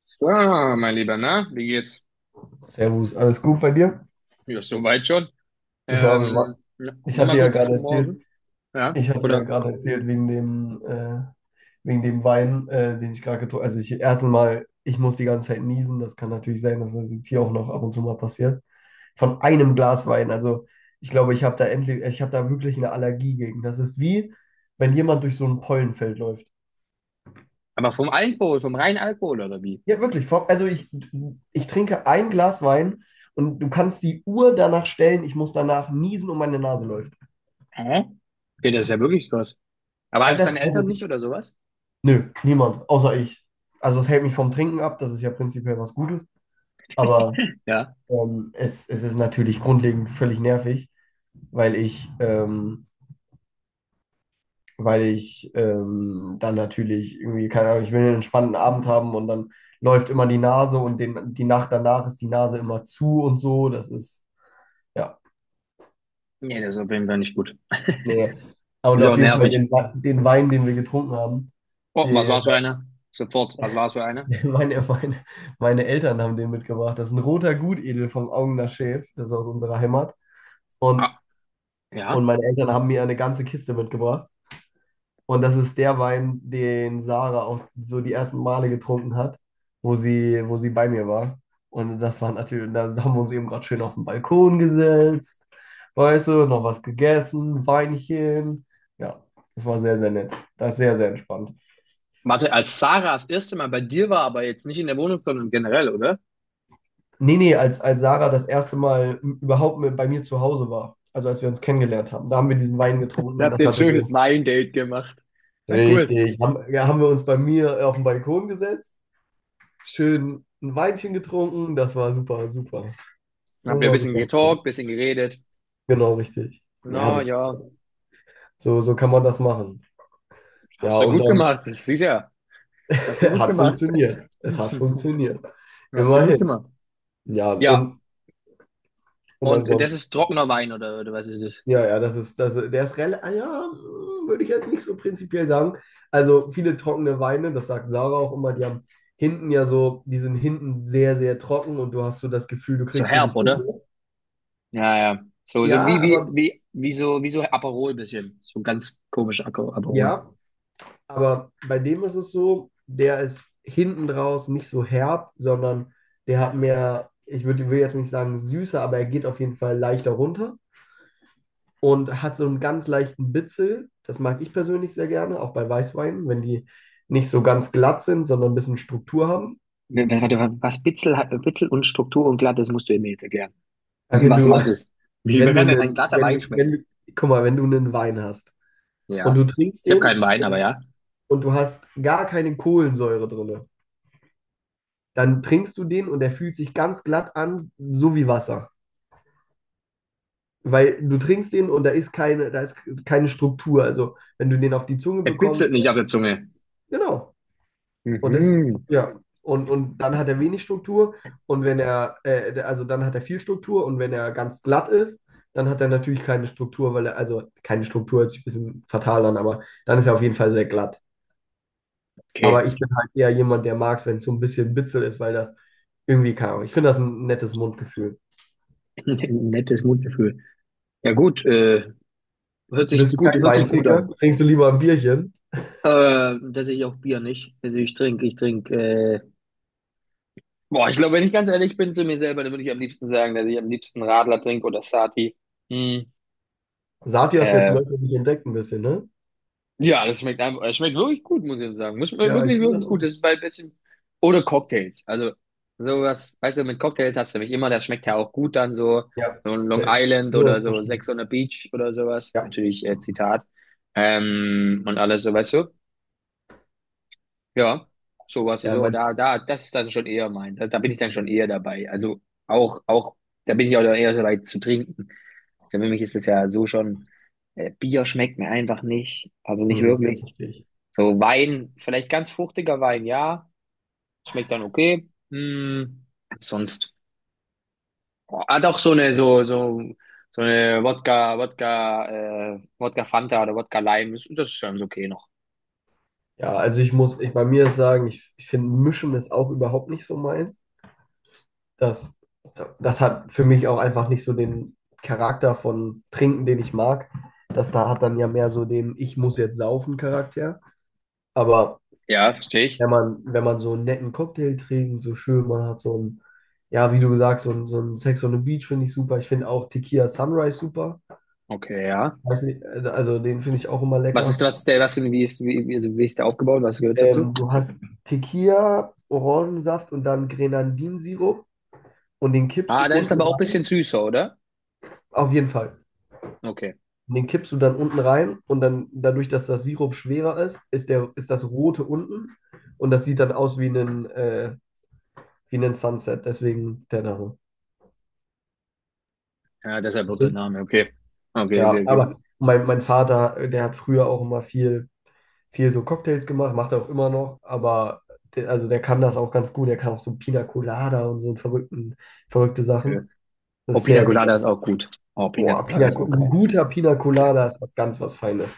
So, mein Lieber, na, wie geht's? Servus, alles gut bei dir? Ja, soweit schon. Ja, Ja, wir wa- Ja, Ich hatte nochmal ja kurz gerade zum Morgen, erzählt, ja? Oder, wegen dem Wein, den ich gerade getrunken habe. Also ich erstens mal, ich muss die ganze Zeit niesen. Das kann natürlich sein, dass das jetzt hier auch noch ab und zu mal passiert. Von einem Glas Wein. Also ich glaube, ich habe da wirklich eine Allergie gegen. Das ist, wie wenn jemand durch so ein Pollenfeld läuft. aber vom Alkohol, vom reinen Alkohol, oder wie? Ja, wirklich. Ich trinke ein Glas Wein und du kannst die Uhr danach stellen. Ich muss danach niesen und meine Nase läuft. Hä? Okay, das ist ja wirklich krass. Aber Ja, hattest das, deine Eltern also, nicht oder sowas? Nö, niemand außer ich. Also es hält mich vom Trinken ab, das ist ja prinzipiell was Gutes, aber Ja? Es, ist natürlich grundlegend völlig nervig, weil ich dann natürlich irgendwie, keine Ahnung, ich will einen entspannten Abend haben und dann läuft immer die Nase und die Nacht danach ist die Nase immer zu und so. Das ist, ja, Nee, das ist auf jeden Fall nicht gut. nee. Und Ist auch auf jeden Fall nervig. Den Wein, den wir getrunken haben, Oh, was der, war's für einer? Sofort, was war's für einer? Meine, meine, meine Eltern haben den mitgebracht. Das ist ein roter Gutedel vom Augener Schäf. Das ist aus unserer Heimat. Und, Ah, und ja? meine Eltern haben mir eine ganze Kiste mitgebracht. Und das ist der Wein, den Sarah auch so die ersten Male getrunken hat, wo sie bei mir war. Und das war natürlich, da haben wir uns eben gerade schön auf den Balkon gesetzt. Weißt du, noch was gegessen, Weinchen. Ja, das war sehr, sehr nett. Das ist sehr, sehr entspannt. Warte, als Sarah das erste Mal bei dir war, aber jetzt nicht in der Wohnung, sondern generell, oder? Als Sarah das erste Mal überhaupt bei mir zu Hause war, also als wir uns kennengelernt haben, da haben wir diesen Wein getrunken, Ihr und habt das ein hatte schönes so Weindate gemacht. Na cool. richtig, haben wir uns bei mir auf den Balkon gesetzt, schön ein Weinchen getrunken, das war super, super. Das Dann habt ihr ein war bisschen super. getalkt, bisschen geredet. Genau, richtig. Na ja. So, kann man das machen. Ja, Hast du und gut dann gemacht, das ist ja. Hast du gut hat gemacht. funktioniert. Es hat funktioniert. Hast du gut Immerhin. gemacht. Ja, Ja, und, und und das ansonsten. ist trockener Wein oder was ist das? Der ist relativ, ja, würde ich jetzt nicht so prinzipiell sagen. Also viele trockene Weine, das sagt Sarah auch immer, die haben hinten ja so, die sind hinten sehr, sehr trocken und du hast so das Gefühl, du So kriegst sie herb, nicht oder? runter. Ja, ja. So, so Ja, wie, wie, aber wie, wie so, wie so Aperol bisschen. So ganz komisch Aco- Aperol. ja, aber bei dem ist es so, der ist hinten draus nicht so herb, sondern der hat mehr, will jetzt nicht sagen süßer, aber er geht auf jeden Fall leichter runter. Und hat so einen ganz leichten Bitzel. Das mag ich persönlich sehr gerne, auch bei Weißweinen, wenn die nicht so ganz glatt sind, sondern ein bisschen Struktur haben. W- Warte, was Bitzel, hat- Bitzel und Struktur und glatt, das musst du mir jetzt erklären. Aber Wenn Was, du, was ist? Wie, wie wenn du kann denn ein einen, glatter wenn Wein du, wenn schmecken? du, guck mal, wenn du einen Wein hast und du Ja. trinkst Ich habe den keinen Wein, aber ja. und du hast gar keine Kohlensäure drin, dann trinkst du den und der fühlt sich ganz glatt an, so wie Wasser. Weil du trinkst den und da ist keine Struktur. Also wenn du den auf die Zunge Er bitzelt bekommst, nicht auf der Zunge. genau. Und das, Mhm. Und dann hat er wenig Struktur, und wenn also dann hat er viel Struktur, und wenn er ganz glatt ist, dann hat er natürlich keine Struktur, weil er, also keine Struktur hört sich ein bisschen fatal an, aber dann ist er auf jeden Fall sehr glatt. Okay. Aber ich bin halt eher jemand, der mag es, wenn es so ein bisschen bitzel ist, weil das irgendwie kann. Ich finde das ein nettes Mundgefühl. Nettes Mundgefühl. Ja gut, hört Bist sich du gut, kein hört sich gut Weintrinker? an. Trinkst du lieber ein Bierchen? Dass ich auch Bier nicht. Also boah, ich glaube, wenn ich ganz ehrlich bin zu mir selber, dann würde ich am liebsten sagen, dass ich am liebsten Radler trinke oder Sati. Hm. Sati hast du jetzt Äh, neu für dich entdeckt ein bisschen, ne? ja, das schmeckt einfach, es schmeckt wirklich gut, muss ich sagen. Muss Ja, ich wirklich, finde das wirklich gut. auch. Das ist bei ein bisschen, oder Cocktails. Also, sowas, weißt du, mit Cocktails hast du mich immer, das schmeckt ja auch gut dann so, Ja, so ein Long safe. Island Ja, oder das so verstehe ich. Sex on the Beach oder sowas. Ja, Natürlich, Zitat. Und alles so, weißt du? Ja, so was, ja, so, mein, das ist dann schon eher mein, da bin ich dann schon eher dabei. Also auch, auch, da bin ich auch eher dabei zu trinken. Also für mich ist das ja so schon, Bier schmeckt mir einfach nicht, also nicht mhm, wirklich. verstehe ich. So Wein, vielleicht ganz fruchtiger Wein, ja, schmeckt dann okay. Hm, sonst, oh, ah, doch so eine, so, so, so eine Wodka, Wodka Fanta oder Wodka Lime, das, das ist ganz okay noch. Ja, also ich bei mir sagen, ich finde Mischen ist auch überhaupt nicht so meins. Das, das hat für mich auch einfach nicht so den Charakter von Trinken, den ich mag. Das da hat dann ja mehr so den Ich muss jetzt saufen Charakter. Aber Ja, verstehe ich. Wenn man so einen netten Cocktail trinkt, so schön, man hat so ein, ja, wie du sagst, so ein Sex on the Beach finde ich super. Ich finde auch Tequila Sunrise super. Okay, ja. Weiß nicht, also den finde ich auch immer lecker. Was ist der, was denn wie ist wie, wie, also wie ist der aufgebaut? Was gehört dazu? Du hast Tequila, Orangensaft und dann Grenadinsirup, und den kippst du Ah, das ist unten aber auch ein rein. bisschen süßer, oder? Auf jeden Fall. Okay. Und den kippst du dann unten rein, und dann dadurch, dass das Sirup schwerer ist, ist das Rote unten, und das sieht dann aus wie wie ein Sunset. Deswegen der Name. Ja, deshalb wird der Name. Okay. Okay, okay, okay. Mein Vater, der hat früher auch immer viel so Cocktails gemacht, macht er auch immer noch, aber der, also der kann das auch ganz gut. Der kann auch so Pina Colada und so verrückte Okay. Sachen. Das Oh, ist Pina sehr, sehr. Colada ist auch gut. Oh, Pina Boah, Colada Pina, ist auch ein geil. guter Pina Colada ist was ganz was Feines.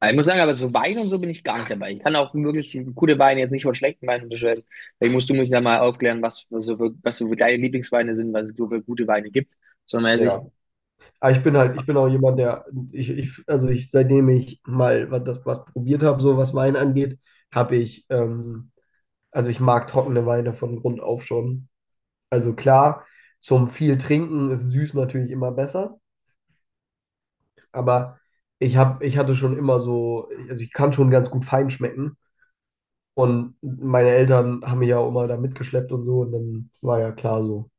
Aber ich muss sagen, aber so Wein und so bin ich gar nicht dabei. Ich kann auch wirklich gute Weine jetzt nicht von schlechten Weinen unterscheiden. Vielleicht musst du mich da mal aufklären, was für, so für, was so für deine Lieblingsweine sind, was es so für gute Weine gibt. So mäßig. Ja. Aber ich bin halt, ich bin auch jemand, der, ich, also ich, seitdem ich mal was probiert habe, so was Wein angeht, habe ich, ähm, also ich mag trockene Weine von Grund auf schon. Also klar, zum viel Trinken ist süß natürlich immer besser, aber ich hatte schon immer so, also ich kann schon ganz gut fein schmecken, und meine Eltern haben mich ja auch immer da mitgeschleppt und so, und dann war ja klar so.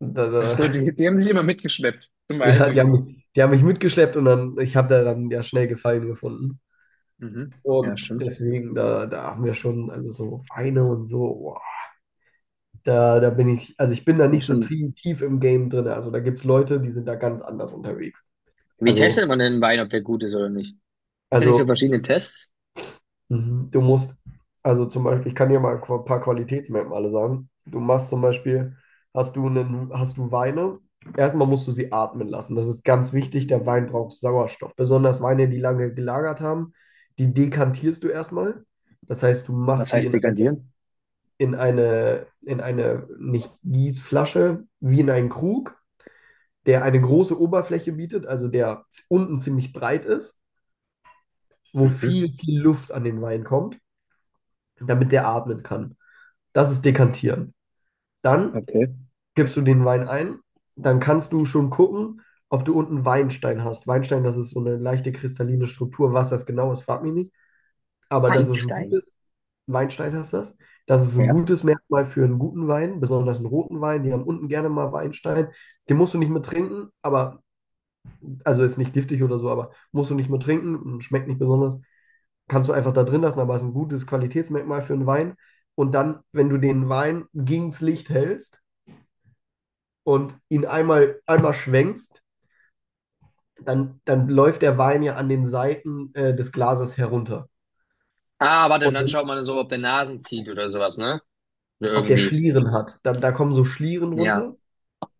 Da, Ach da, so, die haben sich immer mitgeschleppt zum ja, die Weintrinken. haben, die haben mich mitgeschleppt, und dann, ich habe da dann ja schnell Gefallen gefunden. Mhm. Ja, Und stimmt. deswegen, da haben wir schon, also so Weine und so, boah, da bin ich, also ich bin da Ja, nicht so schon. Tief im Game drin. Also da gibt es Leute, die sind da ganz anders unterwegs. Wie testet Also, man denn einen Wein, ob der gut ist oder nicht? Gibt es da nicht so also verschiedene Tests? mhm. du musst, also zum Beispiel, ich kann dir mal ein paar Qualitätsmerkmale sagen. Du machst zum Beispiel, hast du einen, hast du Weine, erstmal musst du sie atmen lassen. Das ist ganz wichtig, der Wein braucht Sauerstoff. Besonders Weine, die lange gelagert haben, die dekantierst du erstmal. Das heißt, du Was machst sie heißt in dekantieren? in eine, in eine, nicht Gießflasche, wie in einen Krug, der eine große Oberfläche bietet, also der unten ziemlich breit ist, wo Mhm. Viel Luft an den Wein kommt, damit der atmen kann. Das ist Dekantieren. Dann Okay. gibst du den Wein ein, dann kannst du schon gucken, ob du unten Weinstein hast. Weinstein, das ist so eine leichte kristalline Struktur. Was das genau ist, frag mich nicht. Aber das ist ein Feinstein. gutes Weinstein heißt das. Das ist ein Ja. gutes Merkmal für einen guten Wein, besonders einen roten Wein. Die haben unten gerne mal Weinstein. Den musst du nicht mehr trinken, aber, also ist nicht giftig oder so, aber musst du nicht mehr trinken, und schmeckt nicht besonders. Kannst du einfach da drin lassen, aber ist ein gutes Qualitätsmerkmal für einen Wein. Und dann, wenn du den Wein gegens Licht hältst und ihn einmal schwenkst, dann läuft der Wein ja an den Seiten des Glases herunter. Ah, warte, und Und dann wenn- schaut man so, ob der Nasen zieht oder sowas, ne? Oder ob der irgendwie. Schlieren hat, da kommen so Schlieren Ja. runter.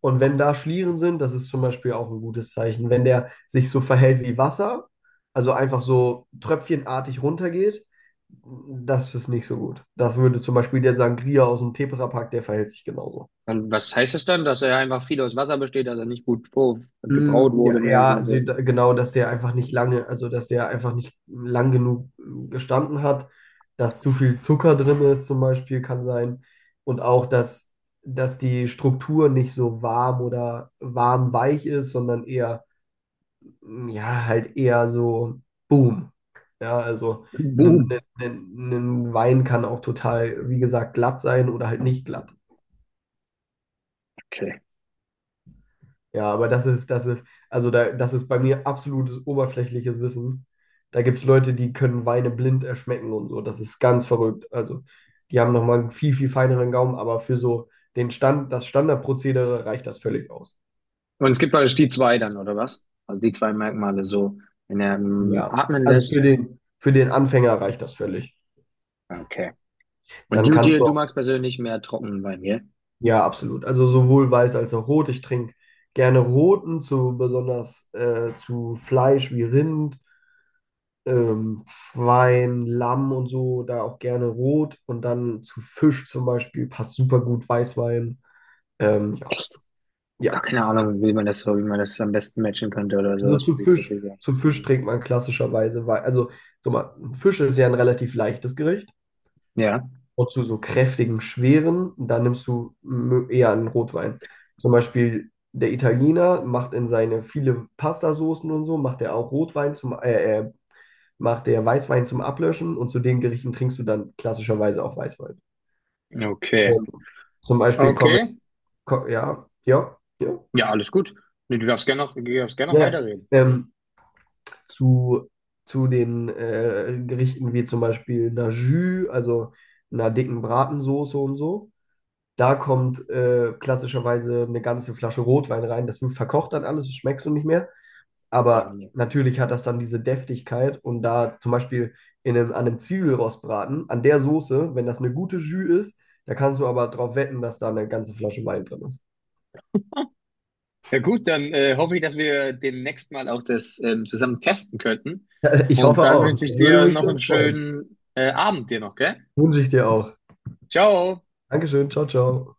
Und wenn da Schlieren sind, das ist zum Beispiel auch ein gutes Zeichen. Wenn der sich so verhält wie Wasser, also einfach so tröpfchenartig runtergeht, das ist nicht so gut. Das würde zum Beispiel der Sangria aus dem Tetrapack, der verhält sich genauso. Und was heißt das dann? Dass er einfach viel aus Wasser besteht, dass er nicht gut vor- gebraut wurde, Ja, mäßig und also sowas. Genau, dass der einfach nicht lange, also dass der einfach nicht lang genug gestanden hat, dass zu viel Zucker drin ist zum Beispiel, kann sein. Und auch, dass die Struktur nicht so warm oder warm-weich ist, sondern eher ja, halt eher so Boom. Ja, also ein, Boom. Ein Wein kann auch total, wie gesagt, glatt sein oder halt nicht glatt. Okay. Das ist, also da, das ist bei mir absolutes oberflächliches Wissen. Da gibt es Leute, die können Weine blind erschmecken und so. Das ist ganz verrückt. Also, die haben nochmal einen viel, viel feineren Gaumen, aber für so den Stand, das Standardprozedere reicht das völlig aus. Und es gibt praktisch die zwei dann, oder was? Also die zwei Merkmale so, wenn er Ja. atmen Also lässt. Für den Anfänger reicht das völlig. Ah, okay. Und Dann kannst du du magst persönlich mehr trockenen Wein, gell? Ja, absolut. Also sowohl weiß als auch rot. Ich trinke gerne roten, zu besonders zu Fleisch wie Rind, Schwein, Lamm und so, da auch gerne rot. Und dann zu Fisch zum Beispiel passt super gut Weißwein. Ähm, ja, Echt? ja. Gar keine Ahnung, wie man das so, wie man das am besten matchen könnte oder Also sowas, muss ich tatsächlich sagen. zu Fisch trinkt man klassischerweise also, so mal, Fisch ist ja ein relativ leichtes Gericht. Ja. Und zu so kräftigen, schweren, dann nimmst du eher einen Rotwein. Zum Beispiel der Italiener macht in seine viele Pastasoßen und so, macht er auch Rotwein macht der Weißwein zum Ablöschen, und zu den Gerichten trinkst du dann klassischerweise auch Weißwein. Okay. Und zum Beispiel kommen, Okay. ko- Ja, Ja, alles gut. Nee, du darfst gerne noch ja, ja. weiterreden. ähm, zu, zu den Gerichten wie zum Beispiel einer Jus, also einer dicken Bratensoße und so. Da kommt klassischerweise eine ganze Flasche Rotwein rein. Das wird verkocht dann alles, das schmeckst du nicht mehr. Nee, nee, Aber nee. natürlich hat das dann diese Deftigkeit. Und da zum Beispiel an einem Zwiebelrostbraten, an der Soße, wenn das eine gute Jus ist, da kannst du aber drauf wetten, dass da eine ganze Flasche Wein drin ist. Ja gut, dann hoffe ich, dass wir demnächst mal auch das zusammen testen könnten. Ich Und hoffe dann auch. wünsche ich Das würde dir mich noch sehr einen freuen. schönen Abend dir noch, gell? Wünsche ich dir auch. Ciao. Dankeschön. Ciao, ciao.